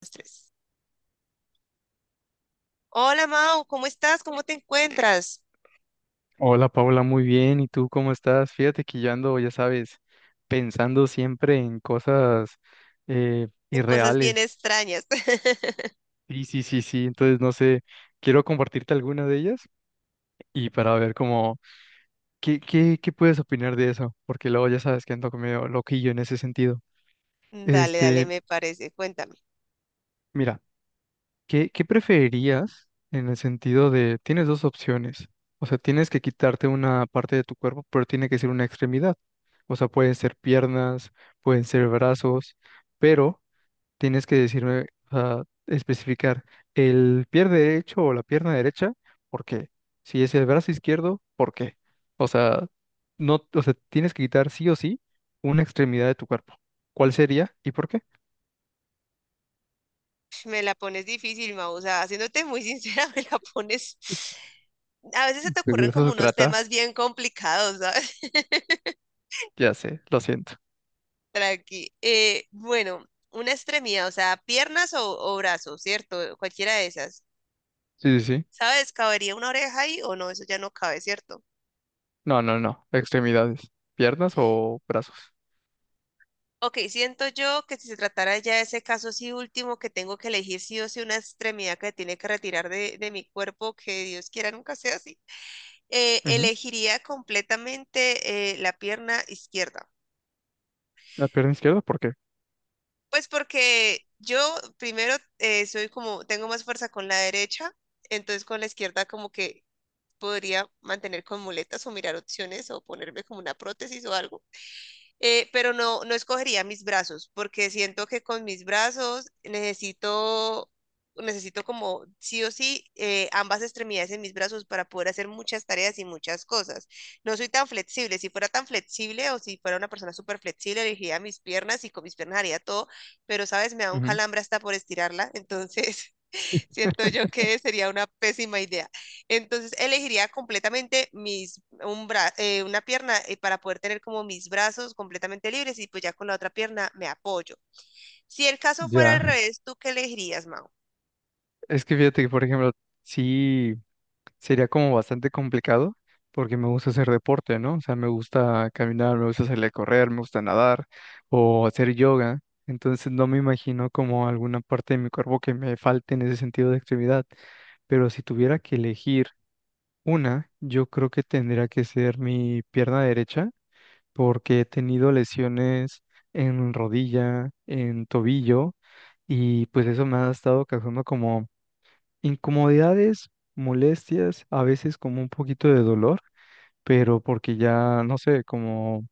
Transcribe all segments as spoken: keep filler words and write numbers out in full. Los tres. Hola, Mau, ¿cómo estás? ¿Cómo te encuentras? Hola Paula, muy bien. ¿Y tú cómo estás? Fíjate que yo ando, ya sabes, pensando siempre en cosas eh, En cosas bien irreales. extrañas. Sí, sí, sí, sí. Entonces, no sé, quiero compartirte alguna de ellas y para ver cómo, qué, qué, qué puedes opinar de eso, porque luego ya sabes que ando medio loquillo en ese sentido. Dale, dale, Este, me parece. Cuéntame. mira. ¿Qué, qué preferirías en el sentido de, tienes dos opciones? O sea, tienes que quitarte una parte de tu cuerpo, pero tiene que ser una extremidad. O sea, pueden ser piernas, pueden ser brazos, pero tienes que decirme, o sea, especificar el pie derecho o la pierna derecha, ¿por qué? Si es el brazo izquierdo, ¿por qué? O sea, no, o sea, tienes que quitar sí o sí una extremidad de tu cuerpo. ¿Cuál sería y por qué? Me la pones difícil, Mau. O sea, haciéndote muy sincera, me la pones. A veces se te Pues de ocurren eso como se unos trata, temas bien complicados, ¿sabes? ya sé, lo siento. Tranqui. Eh, bueno, una extremidad, o sea, piernas o, o brazos, ¿cierto? Cualquiera de esas. Sí, sí, sí. ¿Sabes? ¿Cabería una oreja ahí o no? Eso ya no cabe, ¿cierto? No, no, no. Extremidades. ¿Piernas o brazos? Ok, siento yo que si se tratara ya de ese caso sí último, que tengo que elegir sí o sí una extremidad que tiene que retirar de, de mi cuerpo, que Dios quiera nunca sea así, eh, Ujú. elegiría completamente eh, la pierna izquierda. La pierna izquierda, ¿por qué? Pues porque yo primero eh, soy como, tengo más fuerza con la derecha, entonces con la izquierda como que podría mantener con muletas o mirar opciones o ponerme como una prótesis o algo eh, pero no, no escogería mis brazos, porque siento que con mis brazos necesito, necesito como sí o sí eh, ambas extremidades en mis brazos para poder hacer muchas tareas y muchas cosas. No soy tan flexible. Si fuera tan flexible o si fuera una persona súper flexible, elegiría mis piernas y con mis piernas haría todo, pero sabes, me da un Ujú. calambre hasta por estirarla, entonces… Siento yo que sería una pésima idea. Entonces elegiría completamente mis un bra- eh, una pierna eh, para poder tener como mis brazos completamente libres y pues ya con la otra pierna me apoyo. Si el caso fuera al Ya. revés, ¿tú qué elegirías, Mau? Es que fíjate que, por ejemplo, sí sería como bastante complicado porque me gusta hacer deporte, ¿no? O sea, me gusta caminar, me gusta salir a correr, me gusta nadar o hacer yoga. Entonces no me imagino como alguna parte de mi cuerpo que me falte en ese sentido de actividad. Pero si tuviera que elegir una, yo creo que tendría que ser mi pierna derecha porque he tenido lesiones en rodilla, en tobillo, y pues eso me ha estado causando como incomodidades, molestias, a veces como un poquito de dolor, pero porque ya, no sé, como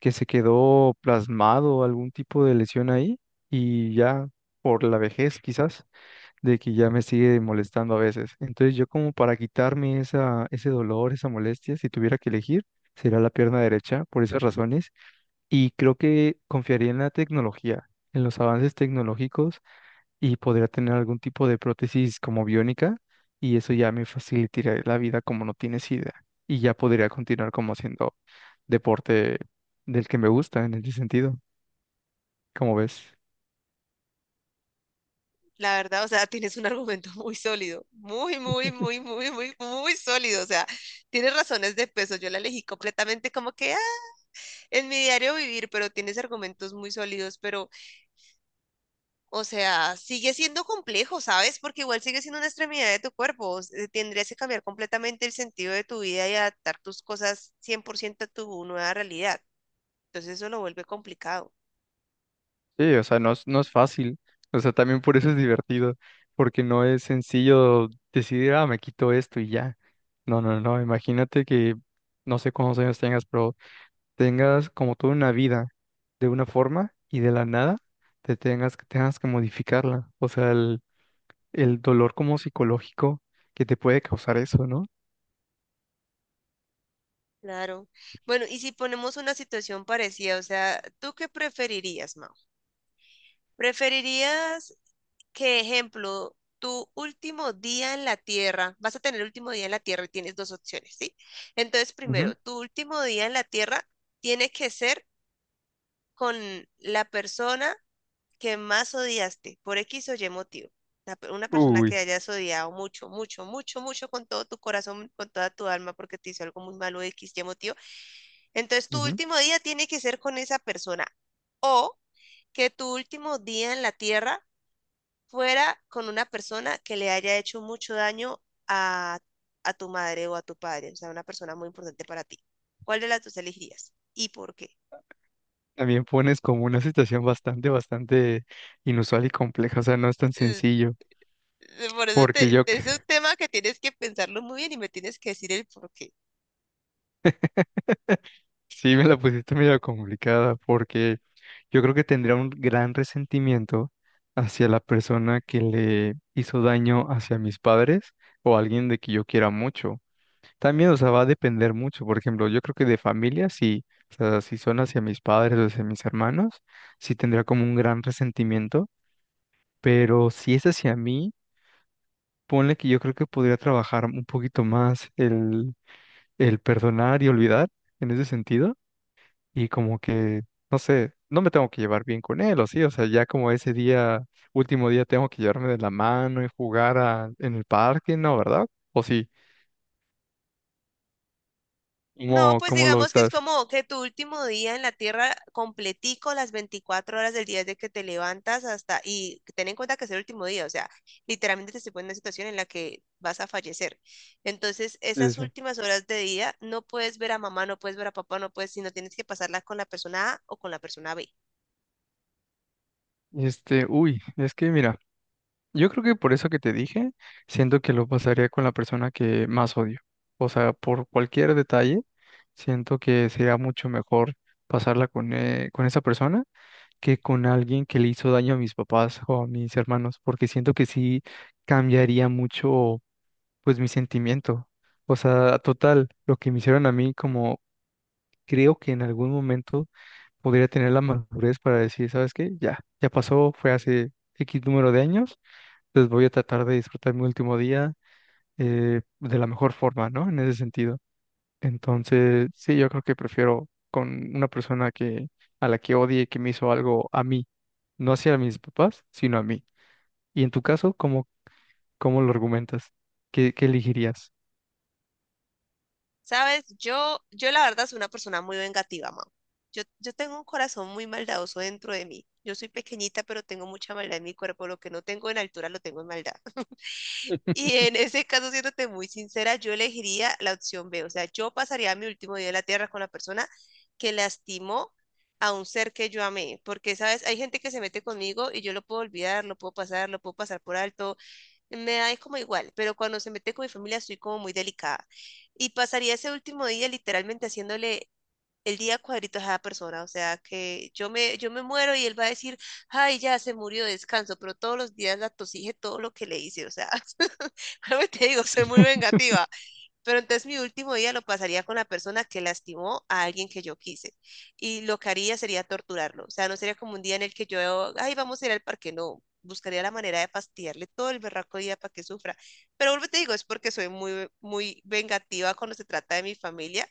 que se quedó plasmado algún tipo de lesión ahí y ya por la vejez quizás, de que ya me sigue molestando a veces. Entonces yo como para quitarme esa, ese dolor, esa molestia, si tuviera que elegir, sería la pierna derecha por esas razones y creo que confiaría en la tecnología, en los avances tecnológicos y podría tener algún tipo de prótesis como biónica y eso ya me facilitaría la vida como no tienes idea. Y ya podría continuar como haciendo deporte del que me gusta en ese sentido, como ves. La verdad, o sea, tienes un argumento muy sólido, muy, muy, muy, muy, muy, muy sólido. O sea, tienes razones de peso. Yo la elegí completamente como que ah, en mi diario vivir, pero tienes argumentos muy sólidos, pero… O sea, sigue siendo complejo, ¿sabes? Porque igual sigue siendo una extremidad de tu cuerpo. eh, Tendrías que cambiar completamente el sentido de tu vida y adaptar tus cosas cien por ciento a tu nueva realidad. Entonces eso lo vuelve complicado. Sí, o sea, no es, no es fácil. O sea, también por eso es divertido, porque no es sencillo decidir, ah, me quito esto y ya. No, no, no, imagínate que no sé cuántos años tengas, pero tengas como toda una vida de una forma y de la nada te tengas, que- tengas que modificarla. O sea, el, el dolor como psicológico que te puede causar eso, ¿no? Claro. Bueno, y si ponemos una situación parecida, o sea, ¿tú qué preferirías, Mau? ¿Preferirías que, ejemplo, tu último día en la Tierra, vas a tener el último día en la Tierra y tienes dos opciones, ¿sí? Entonces, Ujú. primero, tu último día en la Tierra tiene que ser con la persona que más odiaste por X o Y motivo. La pe- Una persona que Uy. hayas odiado mucho, mucho, mucho, mucho con todo tu corazón, con toda tu alma, porque te hizo algo muy malo, X, Y motivo. Entonces, tu Ujú. último día tiene que ser con esa persona. O que tu último día en la tierra fuera con una persona que le haya hecho mucho daño a, a tu madre o a tu padre, o sea, una persona muy importante para ti. ¿Cuál de las dos elegirías y por qué? También pones como una situación bastante, bastante inusual y compleja, o sea, no es tan sencillo, Por eso porque te, yo te- es un tema que tienes que pensarlo muy bien y me tienes que decir el por qué. sí, me la pusiste medio complicada porque yo creo que tendría un gran resentimiento hacia la persona que le hizo daño hacia mis padres o alguien de que yo quiera mucho. También, o sea, va a depender mucho. Por ejemplo, yo creo que de familia, sí, o sea, si son hacia mis padres o hacia mis hermanos, sí tendría como un gran resentimiento. Pero si es hacia mí, ponle que yo creo que podría trabajar un poquito más el, el perdonar y olvidar en ese sentido y como que, no sé, no me tengo que llevar bien con él, o sí, o sea, ya como ese día, último día tengo que llevarme de la mano y jugar a- en el parque, ¿no? ¿Verdad? O sí, No, ¿cómo, pues cómo lo digamos que es estás? como que tu último día en la tierra completico, las veinticuatro horas del día desde que te levantas hasta, y ten en cuenta que es el último día, o sea, literalmente te se pone en una situación en la que vas a fallecer. Entonces, Sí, esas sí, últimas horas de día no puedes ver a mamá, no puedes ver a papá, no puedes, sino tienes que pasarlas con la persona A o con la persona B. sí. Este, uy, es que mira, yo creo que por eso que te dije, siento que lo pasaría con la persona que más odio. O sea, por cualquier detalle, siento que sería mucho mejor pasarla con, eh, con esa persona que con alguien que le hizo daño a mis papás o a mis hermanos, porque siento que sí cambiaría mucho, pues, mi sentimiento. O sea, total, lo que me hicieron a mí, como creo que en algún momento podría tener la madurez para decir, ¿sabes qué? Ya, ya pasó, fue hace X número de años, pues voy a tratar de disfrutar mi último día eh, de la mejor forma, ¿no? En ese sentido. Entonces, sí, yo creo que prefiero con una persona que a la que odie que me hizo algo a mí, no hacia mis papás, sino a mí. Y en tu caso, ¿cómo, cómo lo argumentas? ¿Qué, qué elegirías? Sabes, yo, yo la verdad soy una persona muy vengativa, mam. Yo, yo tengo un corazón muy maldadoso dentro de mí. Yo soy pequeñita, pero tengo mucha maldad en mi cuerpo. Lo que no tengo en altura, lo tengo en maldad. Y en ese caso, siéndote muy sincera, yo elegiría la opción B. O sea, yo pasaría mi último día en la tierra con la persona que lastimó a un ser que yo amé. Porque, sabes, hay gente que se mete conmigo y yo lo puedo olvidar, lo puedo pasar, lo puedo pasar por alto. Me da como igual, pero cuando se mete con mi familia estoy como muy delicada. Y pasaría ese último día literalmente haciéndole el día cuadritos a cada persona. O sea, que yo me, yo me muero y él va a decir, ay, ya se murió, descanso, pero todos los días la tosije todo lo que le hice. O sea, algo te digo, soy muy vengativa. Pero entonces mi último día lo pasaría con la persona que lastimó a alguien que yo quise. Y lo que haría sería torturarlo. O sea, no sería como un día en el que yo, ay, vamos a ir al parque. No, buscaría la manera de fastidiarle todo el berraco día para que sufra. Pero vuelvo y te digo, es porque soy muy, muy vengativa cuando se trata de mi familia.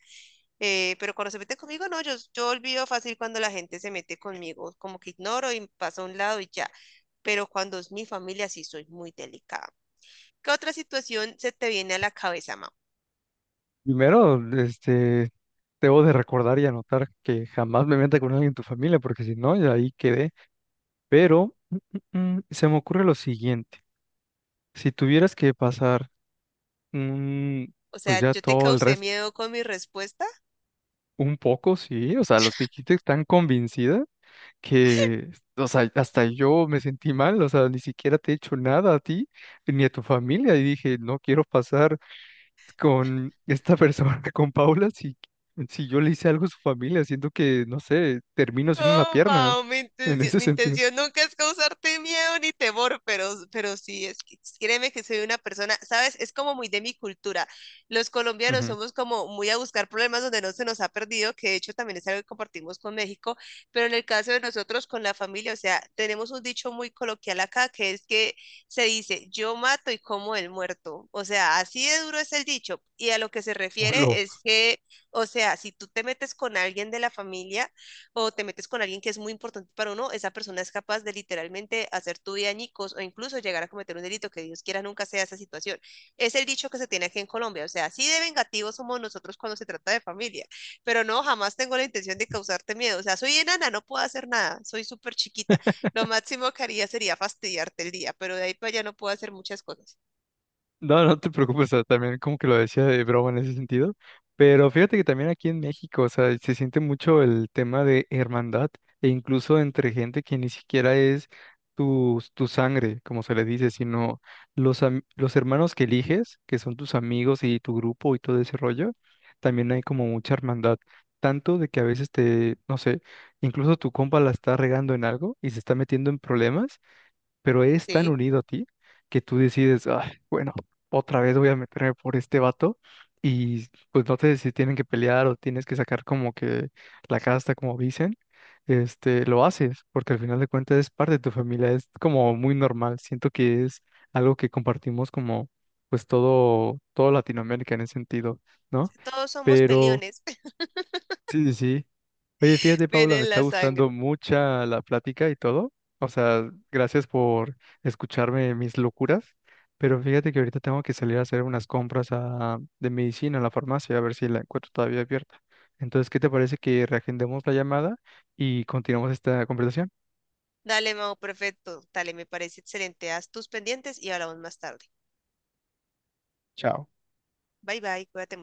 eh, Pero cuando se mete conmigo, no, yo, yo olvido fácil cuando la gente se mete conmigo. Como que ignoro y paso a un lado y ya. Pero cuando es mi familia, sí soy muy delicada. ¿Qué otra situación se te viene a la cabeza, Mau? Primero, este, debo de recordar y anotar que jamás me meta con alguien en tu familia, porque si no, ya ahí quedé. Pero mm, se me ocurre lo siguiente. Si tuvieras que pasar, mm, O pues sea, ya yo te todo el causé resto, miedo con mi respuesta. un poco, sí, o sea, los dijiste tan convencida que, o sea, hasta yo me sentí mal, o sea, ni siquiera te he hecho nada a ti ni a tu familia. Y dije, no quiero pasar con esta persona, con Paula, si, si yo le hice algo a su familia, siento que, no sé, termino sin una No, pierna Pau, mi en intención, ese mi sentido. intención nunca es causarte miedo ni temor, pero, pero sí, es que créeme que soy una persona, ¿sabes? Es como muy de mi cultura. Los colombianos Ujú. somos como muy a buscar problemas donde no se nos ha perdido, que de hecho también es algo que compartimos con México, pero en el caso de nosotros con la familia, o sea, tenemos un dicho muy coloquial acá, que es que se dice, yo mato y como el muerto. O sea, así de duro es el dicho. Y a lo que se refiere Hola. es que… O sea, si tú te metes con alguien de la familia, o te metes con alguien que es muy importante para uno, esa persona es capaz de literalmente hacer tu vida añicos o incluso llegar a cometer un delito que Dios quiera nunca sea esa situación. Es el dicho que se tiene aquí en Colombia, o sea, así de vengativos somos nosotros cuando se trata de familia, pero no, jamás tengo la intención de causarte miedo, o sea, soy enana, no puedo hacer nada, soy súper chiquita, lo máximo que haría sería fastidiarte el día, pero de ahí para allá no puedo hacer muchas cosas, No, no te preocupes, o sea, también como que lo decía de broma en ese sentido, pero fíjate que también aquí en México, o sea, se siente mucho el tema de hermandad e incluso entre gente que ni siquiera es tu, tu sangre, como se le dice, sino los, am- los hermanos que eliges, que son tus amigos y tu grupo y todo ese rollo, también hay como mucha hermandad, tanto de que a veces te, no sé, incluso tu compa la está regando en algo y se está metiendo en problemas pero es tan ¿sí? unido a ti que tú decides, "Ay, bueno, otra vez voy a meterme por este vato y pues no te si tienen que pelear o tienes que sacar como que la casta, como dicen, este, lo haces, porque al final de cuentas es parte de tu familia, es como muy normal, siento que es algo que compartimos como pues todo, todo Latinoamérica en ese sentido, ¿no? Todos somos Pero peliones, sí, sí, sí. Oye, fíjate, Paula, viene me en está la gustando sangre. mucha la plática y todo. O sea, gracias por escucharme mis locuras. Pero fíjate que ahorita tengo que salir a hacer unas compras a- de medicina a la farmacia, a ver si la encuentro todavía abierta. Entonces, ¿qué te parece que reagendemos la llamada y continuamos esta conversación? Dale, Mau, perfecto. Dale, me parece excelente. Haz tus pendientes y hablamos más tarde. Chao. Bye bye, cuídate mucho.